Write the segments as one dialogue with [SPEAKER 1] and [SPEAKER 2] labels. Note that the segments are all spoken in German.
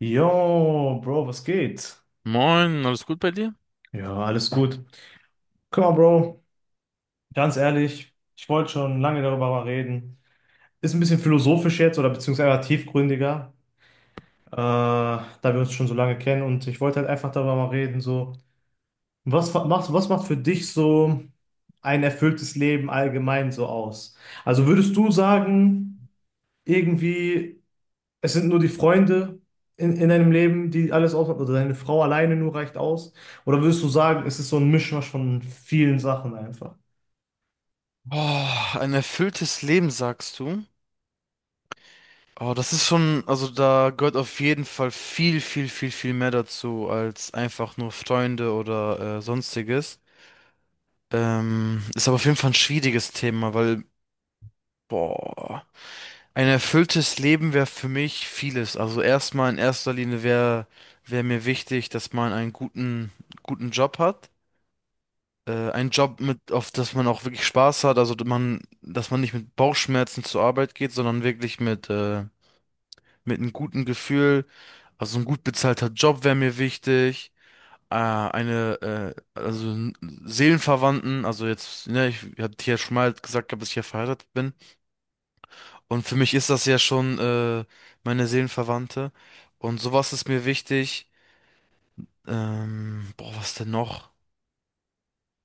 [SPEAKER 1] Yo, Bro, was geht?
[SPEAKER 2] Moin, alles gut bei dir?
[SPEAKER 1] Ja, alles gut. Guck mal, Bro, ganz ehrlich, ich wollte schon lange darüber mal reden. Ist ein bisschen philosophisch jetzt oder beziehungsweise tiefgründiger, da wir uns schon so lange kennen, und ich wollte halt einfach darüber mal reden, so, was macht für dich so ein erfülltes Leben allgemein so aus? Also würdest du sagen, irgendwie. Es sind nur die Freunde in deinem Leben, die alles ausmachen, oder deine Frau alleine nur reicht aus? Oder würdest du sagen, es ist so ein Mischmasch von vielen Sachen einfach?
[SPEAKER 2] Boah, ein erfülltes Leben, sagst du? Oh, das ist schon, also da gehört auf jeden Fall viel, viel, viel, viel mehr dazu als einfach nur Freunde oder sonstiges. Ist aber auf jeden Fall ein schwieriges Thema, weil, boah, ein erfülltes Leben wäre für mich vieles. Also erstmal in erster Linie wär mir wichtig, dass man einen guten Job hat. Ein Job mit, auf das man auch wirklich Spaß hat, also dass man nicht mit Bauchschmerzen zur Arbeit geht, sondern wirklich mit einem guten Gefühl. Also ein gut bezahlter Job wäre mir wichtig. Äh, eine, äh, also n- Seelenverwandten, also jetzt, ne, ich hatte ja schon mal gehabt, dass ich ja verheiratet bin. Und für mich ist das ja schon meine Seelenverwandte. Und sowas ist mir wichtig. Was denn noch?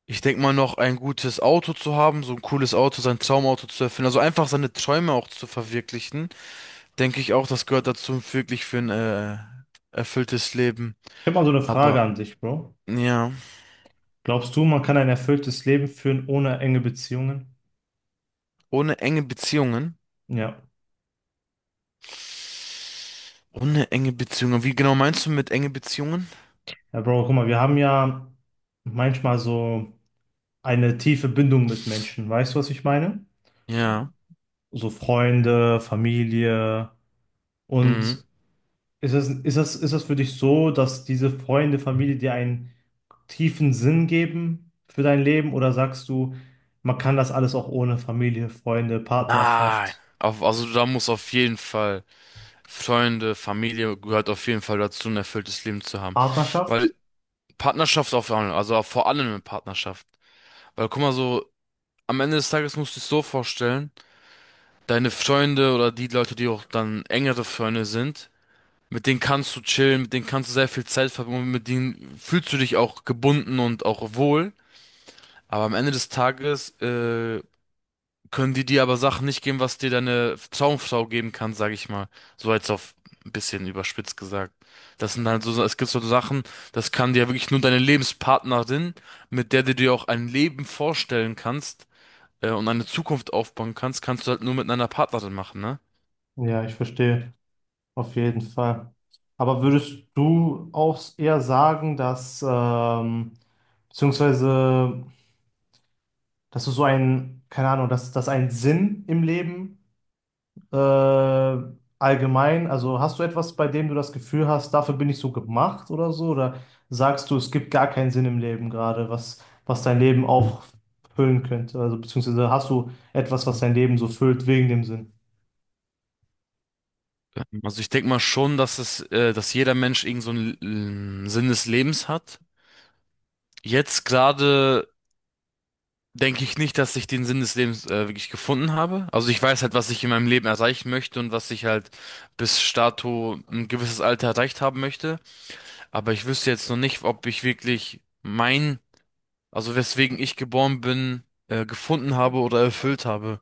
[SPEAKER 2] Ich denke mal noch ein gutes Auto zu haben, so ein cooles Auto, sein Traumauto zu erfüllen, also einfach seine Träume auch zu verwirklichen, denke ich auch, das gehört dazu wirklich für ein erfülltes Leben.
[SPEAKER 1] Ich habe mal so eine Frage
[SPEAKER 2] Aber
[SPEAKER 1] an dich, Bro.
[SPEAKER 2] ja,
[SPEAKER 1] Glaubst du, man kann ein erfülltes Leben führen ohne enge Beziehungen?
[SPEAKER 2] ohne enge Beziehungen.
[SPEAKER 1] Ja.
[SPEAKER 2] Ohne enge Beziehungen. Wie genau meinst du mit enge Beziehungen?
[SPEAKER 1] Ja, Bro, guck mal, wir haben ja manchmal so eine tiefe Bindung mit Menschen. Weißt du, was ich meine?
[SPEAKER 2] Ja.
[SPEAKER 1] So Freunde, Familie.
[SPEAKER 2] Mhm. Mhm.
[SPEAKER 1] Und ist das für dich so, dass diese Freunde, Familie dir ein tiefen Sinn geben für dein Leben, oder sagst du, man kann das alles auch ohne Familie, Freunde,
[SPEAKER 2] Nein.
[SPEAKER 1] Partnerschaft?
[SPEAKER 2] Auf, also da muss auf jeden Fall Freunde, Familie gehört auf jeden Fall dazu, ein erfülltes Leben zu haben.
[SPEAKER 1] Partnerschaft?
[SPEAKER 2] Weil Partnerschaft auf allem, also vor allem eine Partnerschaft. Weil guck mal so, am Ende des Tages musst du es so vorstellen, deine Freunde oder die Leute, die auch dann engere Freunde sind, mit denen kannst du chillen, mit denen kannst du sehr viel Zeit verbringen, und mit denen fühlst du dich auch gebunden und auch wohl. Aber am Ende des Tages, können die dir aber Sachen nicht geben, was dir deine Traumfrau geben kann, sag ich mal. So jetzt auf ein bisschen überspitzt gesagt. Das sind halt so, es gibt so Sachen, das kann dir wirklich nur deine Lebenspartnerin, mit der du dir auch ein Leben vorstellen kannst und eine Zukunft aufbauen kannst, kannst du halt nur mit einer Partnerin machen, ne?
[SPEAKER 1] Ja, ich verstehe, auf jeden Fall. Aber würdest du auch eher sagen, dass, beziehungsweise, dass du so einen, keine Ahnung, dass ein Sinn im Leben äh, allgemein, also hast du etwas, bei dem du das Gefühl hast, dafür bin ich so gemacht oder so? Oder sagst du, es gibt gar keinen Sinn im Leben gerade, was, was dein Leben auffüllen könnte? Also beziehungsweise hast du etwas, was dein Leben so füllt wegen dem Sinn?
[SPEAKER 2] Also ich denke mal schon, dass jeder Mensch irgend so einen Sinn des Lebens hat. Jetzt gerade denke ich nicht, dass ich den Sinn des Lebens wirklich gefunden habe. Also ich weiß halt, was ich in meinem Leben erreichen möchte und was ich halt bis dato ein gewisses Alter erreicht haben möchte. Aber ich wüsste jetzt noch nicht, ob ich wirklich mein, also weswegen ich geboren bin, gefunden habe oder erfüllt habe.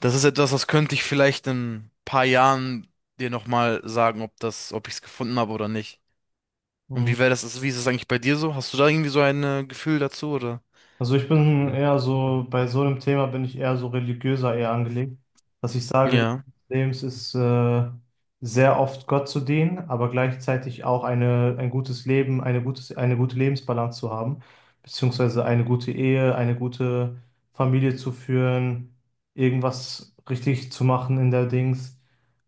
[SPEAKER 2] Das ist etwas, das könnte ich vielleicht in ein paar Jahren dir nochmal sagen, ob das, ob ich es gefunden habe oder nicht. Und wie wäre das, wie ist es eigentlich bei dir so? Hast du da irgendwie so ein Gefühl dazu, oder?
[SPEAKER 1] Also ich bin eher so, bei so einem Thema bin ich eher so religiöser eher angelegt, dass ich sage, das
[SPEAKER 2] Ja.
[SPEAKER 1] Leben ist sehr oft Gott zu dienen, aber gleichzeitig auch eine, ein gutes Leben, eine gutes, eine gute Lebensbalance zu haben, beziehungsweise eine gute Ehe, eine gute Familie zu führen, irgendwas richtig zu machen in der Dings,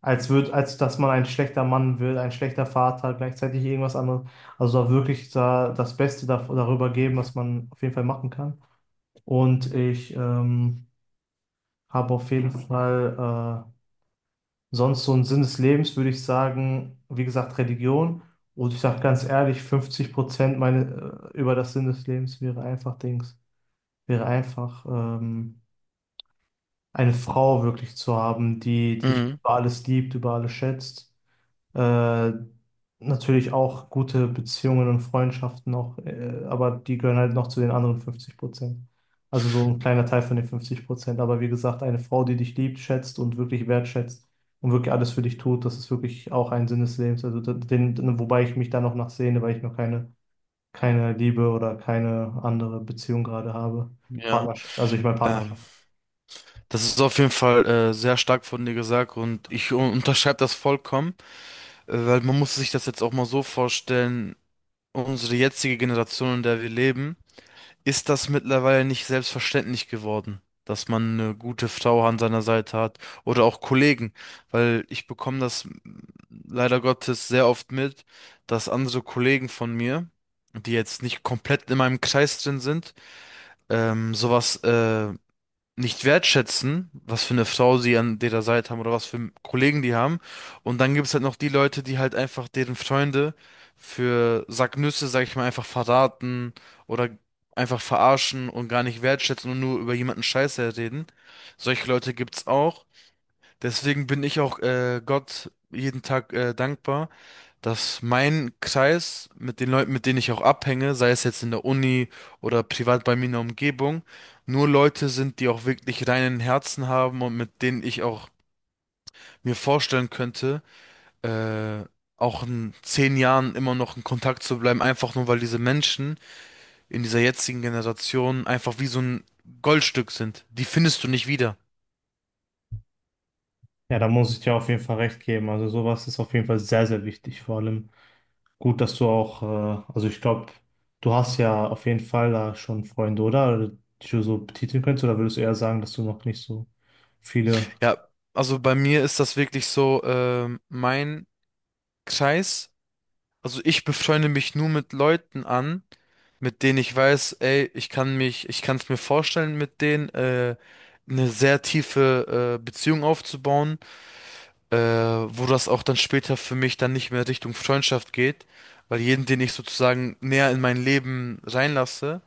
[SPEAKER 1] als wird, als dass man ein schlechter Mann wird, ein schlechter Vater, gleichzeitig irgendwas anderes. Also da wirklich da das Beste da, darüber geben, was man auf jeden Fall machen kann. Und ich habe auf jeden Fall sonst so einen Sinn des Lebens, würde ich sagen, wie gesagt, Religion. Und ich sage ganz ehrlich, 50% meine, über das Sinn des Lebens wäre einfach Dings, wäre einfach eine Frau wirklich zu haben, die dich
[SPEAKER 2] Mhm.
[SPEAKER 1] über alles liebt, über alles schätzt. Äh, Natürlich auch gute Beziehungen und Freundschaften noch, aber die gehören halt noch zu den anderen 50%. Also so ein kleiner Teil von den 50%. Aber wie gesagt, eine Frau, die dich liebt, schätzt und wirklich wertschätzt und wirklich alles für dich tut, das ist wirklich auch ein Sinn des Lebens. Also da- den, wobei ich mich da noch nachsehne, weil ich noch keine, keine Liebe oder keine andere Beziehung gerade habe.
[SPEAKER 2] Ja.
[SPEAKER 1] Partnerschaft, also ich meine
[SPEAKER 2] Ähm,
[SPEAKER 1] Partnerschaft.
[SPEAKER 2] das ist auf jeden Fall sehr stark von dir gesagt und ich unterschreibe das vollkommen, weil man muss sich das jetzt auch mal so vorstellen, unsere jetzige Generation, in der wir leben. Ist das mittlerweile nicht selbstverständlich geworden, dass man eine gute Frau an seiner Seite hat oder auch Kollegen, weil ich bekomme das leider Gottes sehr oft mit, dass andere Kollegen von mir, die jetzt nicht komplett in meinem Kreis drin sind, sowas nicht wertschätzen, was für eine Frau sie an ihrer Seite haben oder was für Kollegen die haben. Und dann gibt es halt noch die Leute, die halt einfach deren Freunde für Sacknüsse, sag ich mal, einfach verraten oder einfach verarschen und gar nicht wertschätzen und nur über jemanden Scheiße reden. Solche Leute gibt's auch. Deswegen bin ich auch Gott jeden Tag dankbar, dass mein Kreis mit den Leuten, mit denen ich auch abhänge, sei es jetzt in der Uni oder privat bei mir in der Umgebung, nur Leute sind, die auch wirklich reinen Herzen haben und mit denen ich auch mir vorstellen könnte, äh, auch in zehn Jahren immer noch in Kontakt zu bleiben, einfach nur weil diese Menschen in dieser jetzigen Generation einfach wie so ein Goldstück sind. Die findest du nicht wieder.
[SPEAKER 1] Ja, da muss ich dir auf jeden Fall recht geben. Also sowas ist auf jeden Fall sehr, sehr wichtig, vor allem. Gut, dass du auch, also ich glaube, du hast ja auf jeden Fall da schon Freunde, oder? Die du so betiteln könntest, oder würdest du eher sagen, dass du noch nicht so viele.
[SPEAKER 2] Ja, also bei mir ist das wirklich so, mein Kreis, also ich befreunde mich nur mit Leuten an, mit denen ich weiß, ey, ich kann es mir vorstellen, mit denen eine sehr tiefe Beziehung aufzubauen, wo das auch dann später für mich dann nicht mehr Richtung Freundschaft geht, weil jeden, den ich sozusagen näher in mein Leben reinlasse,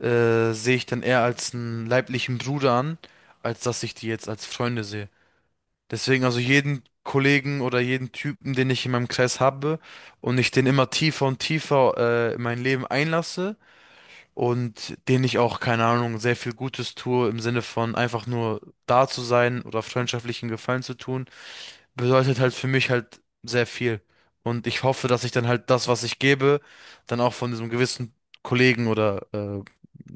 [SPEAKER 2] sehe ich dann eher als einen leiblichen Bruder an, als dass ich die jetzt als Freunde sehe. Deswegen also jeden Kollegen oder jeden Typen, den ich in meinem Kreis habe und ich den immer tiefer und tiefer in mein Leben einlasse, und denen ich auch, keine Ahnung, sehr viel Gutes tue im Sinne von einfach nur da zu sein oder freundschaftlichen Gefallen zu tun, bedeutet halt für mich halt sehr viel. Und ich hoffe, dass ich dann halt das, was ich gebe, dann auch von diesem gewissen Kollegen oder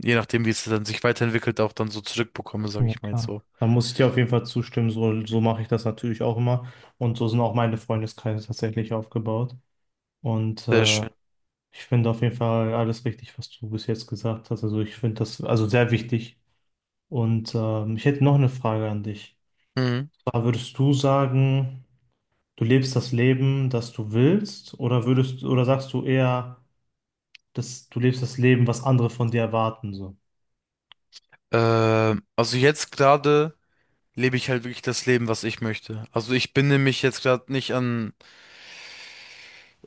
[SPEAKER 2] je nachdem, wie es dann sich weiterentwickelt, auch dann so zurückbekomme, sage
[SPEAKER 1] Ja,
[SPEAKER 2] ich mal jetzt
[SPEAKER 1] klar.
[SPEAKER 2] so.
[SPEAKER 1] Dann muss ich dir auf jeden Fall zustimmen, so, so mache ich das natürlich auch immer. Und so sind auch meine Freundeskreise tatsächlich aufgebaut. Und
[SPEAKER 2] Sehr schön.
[SPEAKER 1] ich finde auf jeden Fall alles richtig, was du bis jetzt gesagt hast. Also ich finde das also sehr wichtig. Und ich hätte noch eine Frage an dich.
[SPEAKER 2] Mhm.
[SPEAKER 1] Zwar würdest du sagen, du lebst das Leben, das du willst, oder würdest, oder sagst du eher, dass du lebst das Leben, was andere von dir erwarten, so?
[SPEAKER 2] Also jetzt gerade lebe ich halt wirklich das Leben, was ich möchte. Also ich binde mich jetzt gerade nicht an.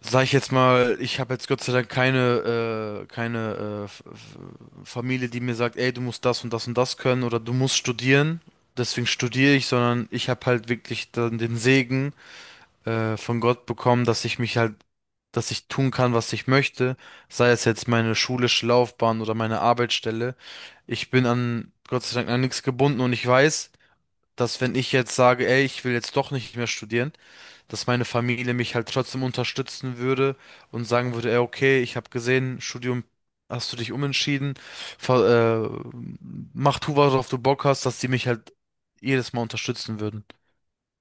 [SPEAKER 2] Sag ich jetzt mal, ich habe jetzt Gott sei Dank keine Familie, die mir sagt, ey, du musst das und das und das können oder du musst studieren. Deswegen studiere ich, sondern ich habe halt wirklich dann den Segen von Gott bekommen, dass ich tun kann, was ich möchte, sei es jetzt meine schulische Laufbahn oder meine Arbeitsstelle. Ich bin an Gott sei Dank an nichts gebunden und ich weiß, dass wenn ich jetzt sage, ey, ich will jetzt doch nicht mehr studieren, dass meine Familie mich halt trotzdem unterstützen würde und sagen würde, ey, okay, ich habe gesehen, Studium hast du dich umentschieden, ver- äh, mach tu, worauf du Bock hast, dass die mich halt jedes Mal unterstützen würden.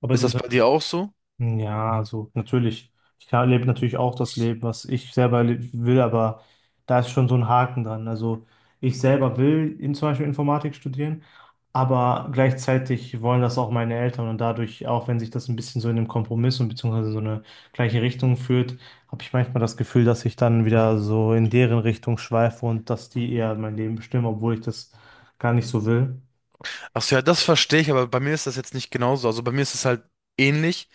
[SPEAKER 1] Aber
[SPEAKER 2] Ist
[SPEAKER 1] den
[SPEAKER 2] das bei dir auch so?
[SPEAKER 1] hm, ja, also natürlich. Ich kann- lebe natürlich auch das Leben, was ich selber le- will, aber da ist schon so ein Haken dran. Also ich selber will in, zum Beispiel Informatik studieren, aber gleichzeitig wollen das auch meine Eltern, und dadurch, auch wenn sich das ein bisschen so in einem Kompromiss und beziehungsweise so eine gleiche Richtung führt, habe ich manchmal das Gefühl, dass ich dann wieder so in deren Richtung schweife und dass die eher mein Leben bestimmen, obwohl ich das gar nicht so will.
[SPEAKER 2] Ach so, ja, das verstehe ich, aber bei mir ist das jetzt nicht genauso. Also bei mir ist es halt ähnlich,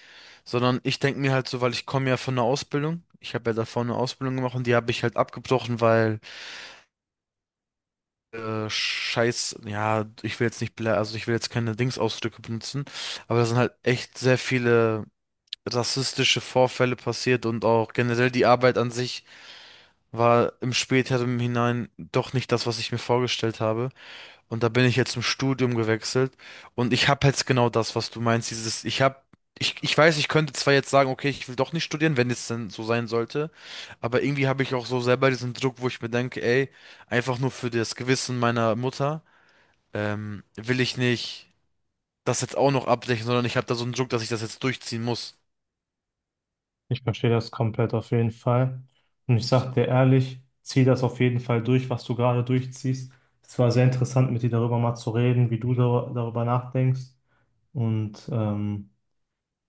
[SPEAKER 2] sondern ich denke mir halt so, weil ich komme ja von einer Ausbildung. Ich habe ja davor eine Ausbildung gemacht und die habe ich halt abgebrochen, weil Scheiß, ja, ich will jetzt nicht, blä- also ich will jetzt keine Dingsausdrücke benutzen, aber da sind halt echt sehr viele rassistische Vorfälle passiert und auch generell die Arbeit an sich war im späteren hinein doch nicht das, was ich mir vorgestellt habe. Und da bin ich jetzt im Studium gewechselt und ich habe jetzt genau das, was du meinst, dieses, ich weiß, ich könnte zwar jetzt sagen, okay, ich will doch nicht studieren, wenn es denn so sein sollte, aber irgendwie habe ich auch so selber diesen Druck, wo ich mir denke, ey, einfach nur für das Gewissen meiner Mutter will ich nicht das jetzt auch noch abdecken, sondern ich habe da so einen Druck, dass ich das jetzt durchziehen muss.
[SPEAKER 1] Ich verstehe das komplett auf jeden Fall. Und ich sag dir ehrlich, zieh das auf jeden Fall durch, was du gerade durchziehst. Es war sehr interessant, mit dir darüber mal zu reden, wie du darüber nachdenkst. Und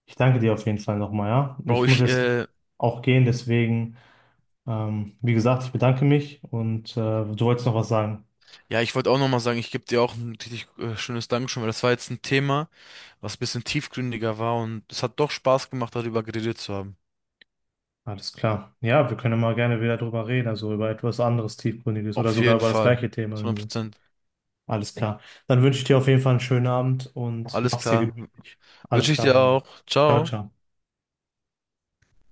[SPEAKER 1] ich danke dir auf jeden Fall nochmal, ja.
[SPEAKER 2] Bro,
[SPEAKER 1] Ich muss
[SPEAKER 2] ich,
[SPEAKER 1] jetzt
[SPEAKER 2] äh,
[SPEAKER 1] auch gehen, deswegen, wie gesagt, ich bedanke mich, und du wolltest noch was sagen.
[SPEAKER 2] ja, ich wollte auch nochmal sagen, ich gebe dir auch ein richtig schönes Dankeschön, weil das war jetzt ein Thema, was ein bisschen tiefgründiger war und es hat doch Spaß gemacht, darüber geredet zu haben.
[SPEAKER 1] Alles klar. Ja, wir können mal gerne wieder drüber reden, also über etwas anderes Tiefgründiges oder
[SPEAKER 2] Auf
[SPEAKER 1] sogar
[SPEAKER 2] jeden
[SPEAKER 1] über das
[SPEAKER 2] Fall.
[SPEAKER 1] gleiche Thema, wenn du willst.
[SPEAKER 2] 100%.
[SPEAKER 1] Alles klar. Dann wünsche ich dir auf jeden Fall einen schönen Abend und
[SPEAKER 2] Alles
[SPEAKER 1] mach's dir
[SPEAKER 2] klar.
[SPEAKER 1] gemütlich. Alles
[SPEAKER 2] Wünsche ich
[SPEAKER 1] klar,
[SPEAKER 2] dir
[SPEAKER 1] mein Lieber.
[SPEAKER 2] auch.
[SPEAKER 1] Ciao,
[SPEAKER 2] Ciao.
[SPEAKER 1] ciao.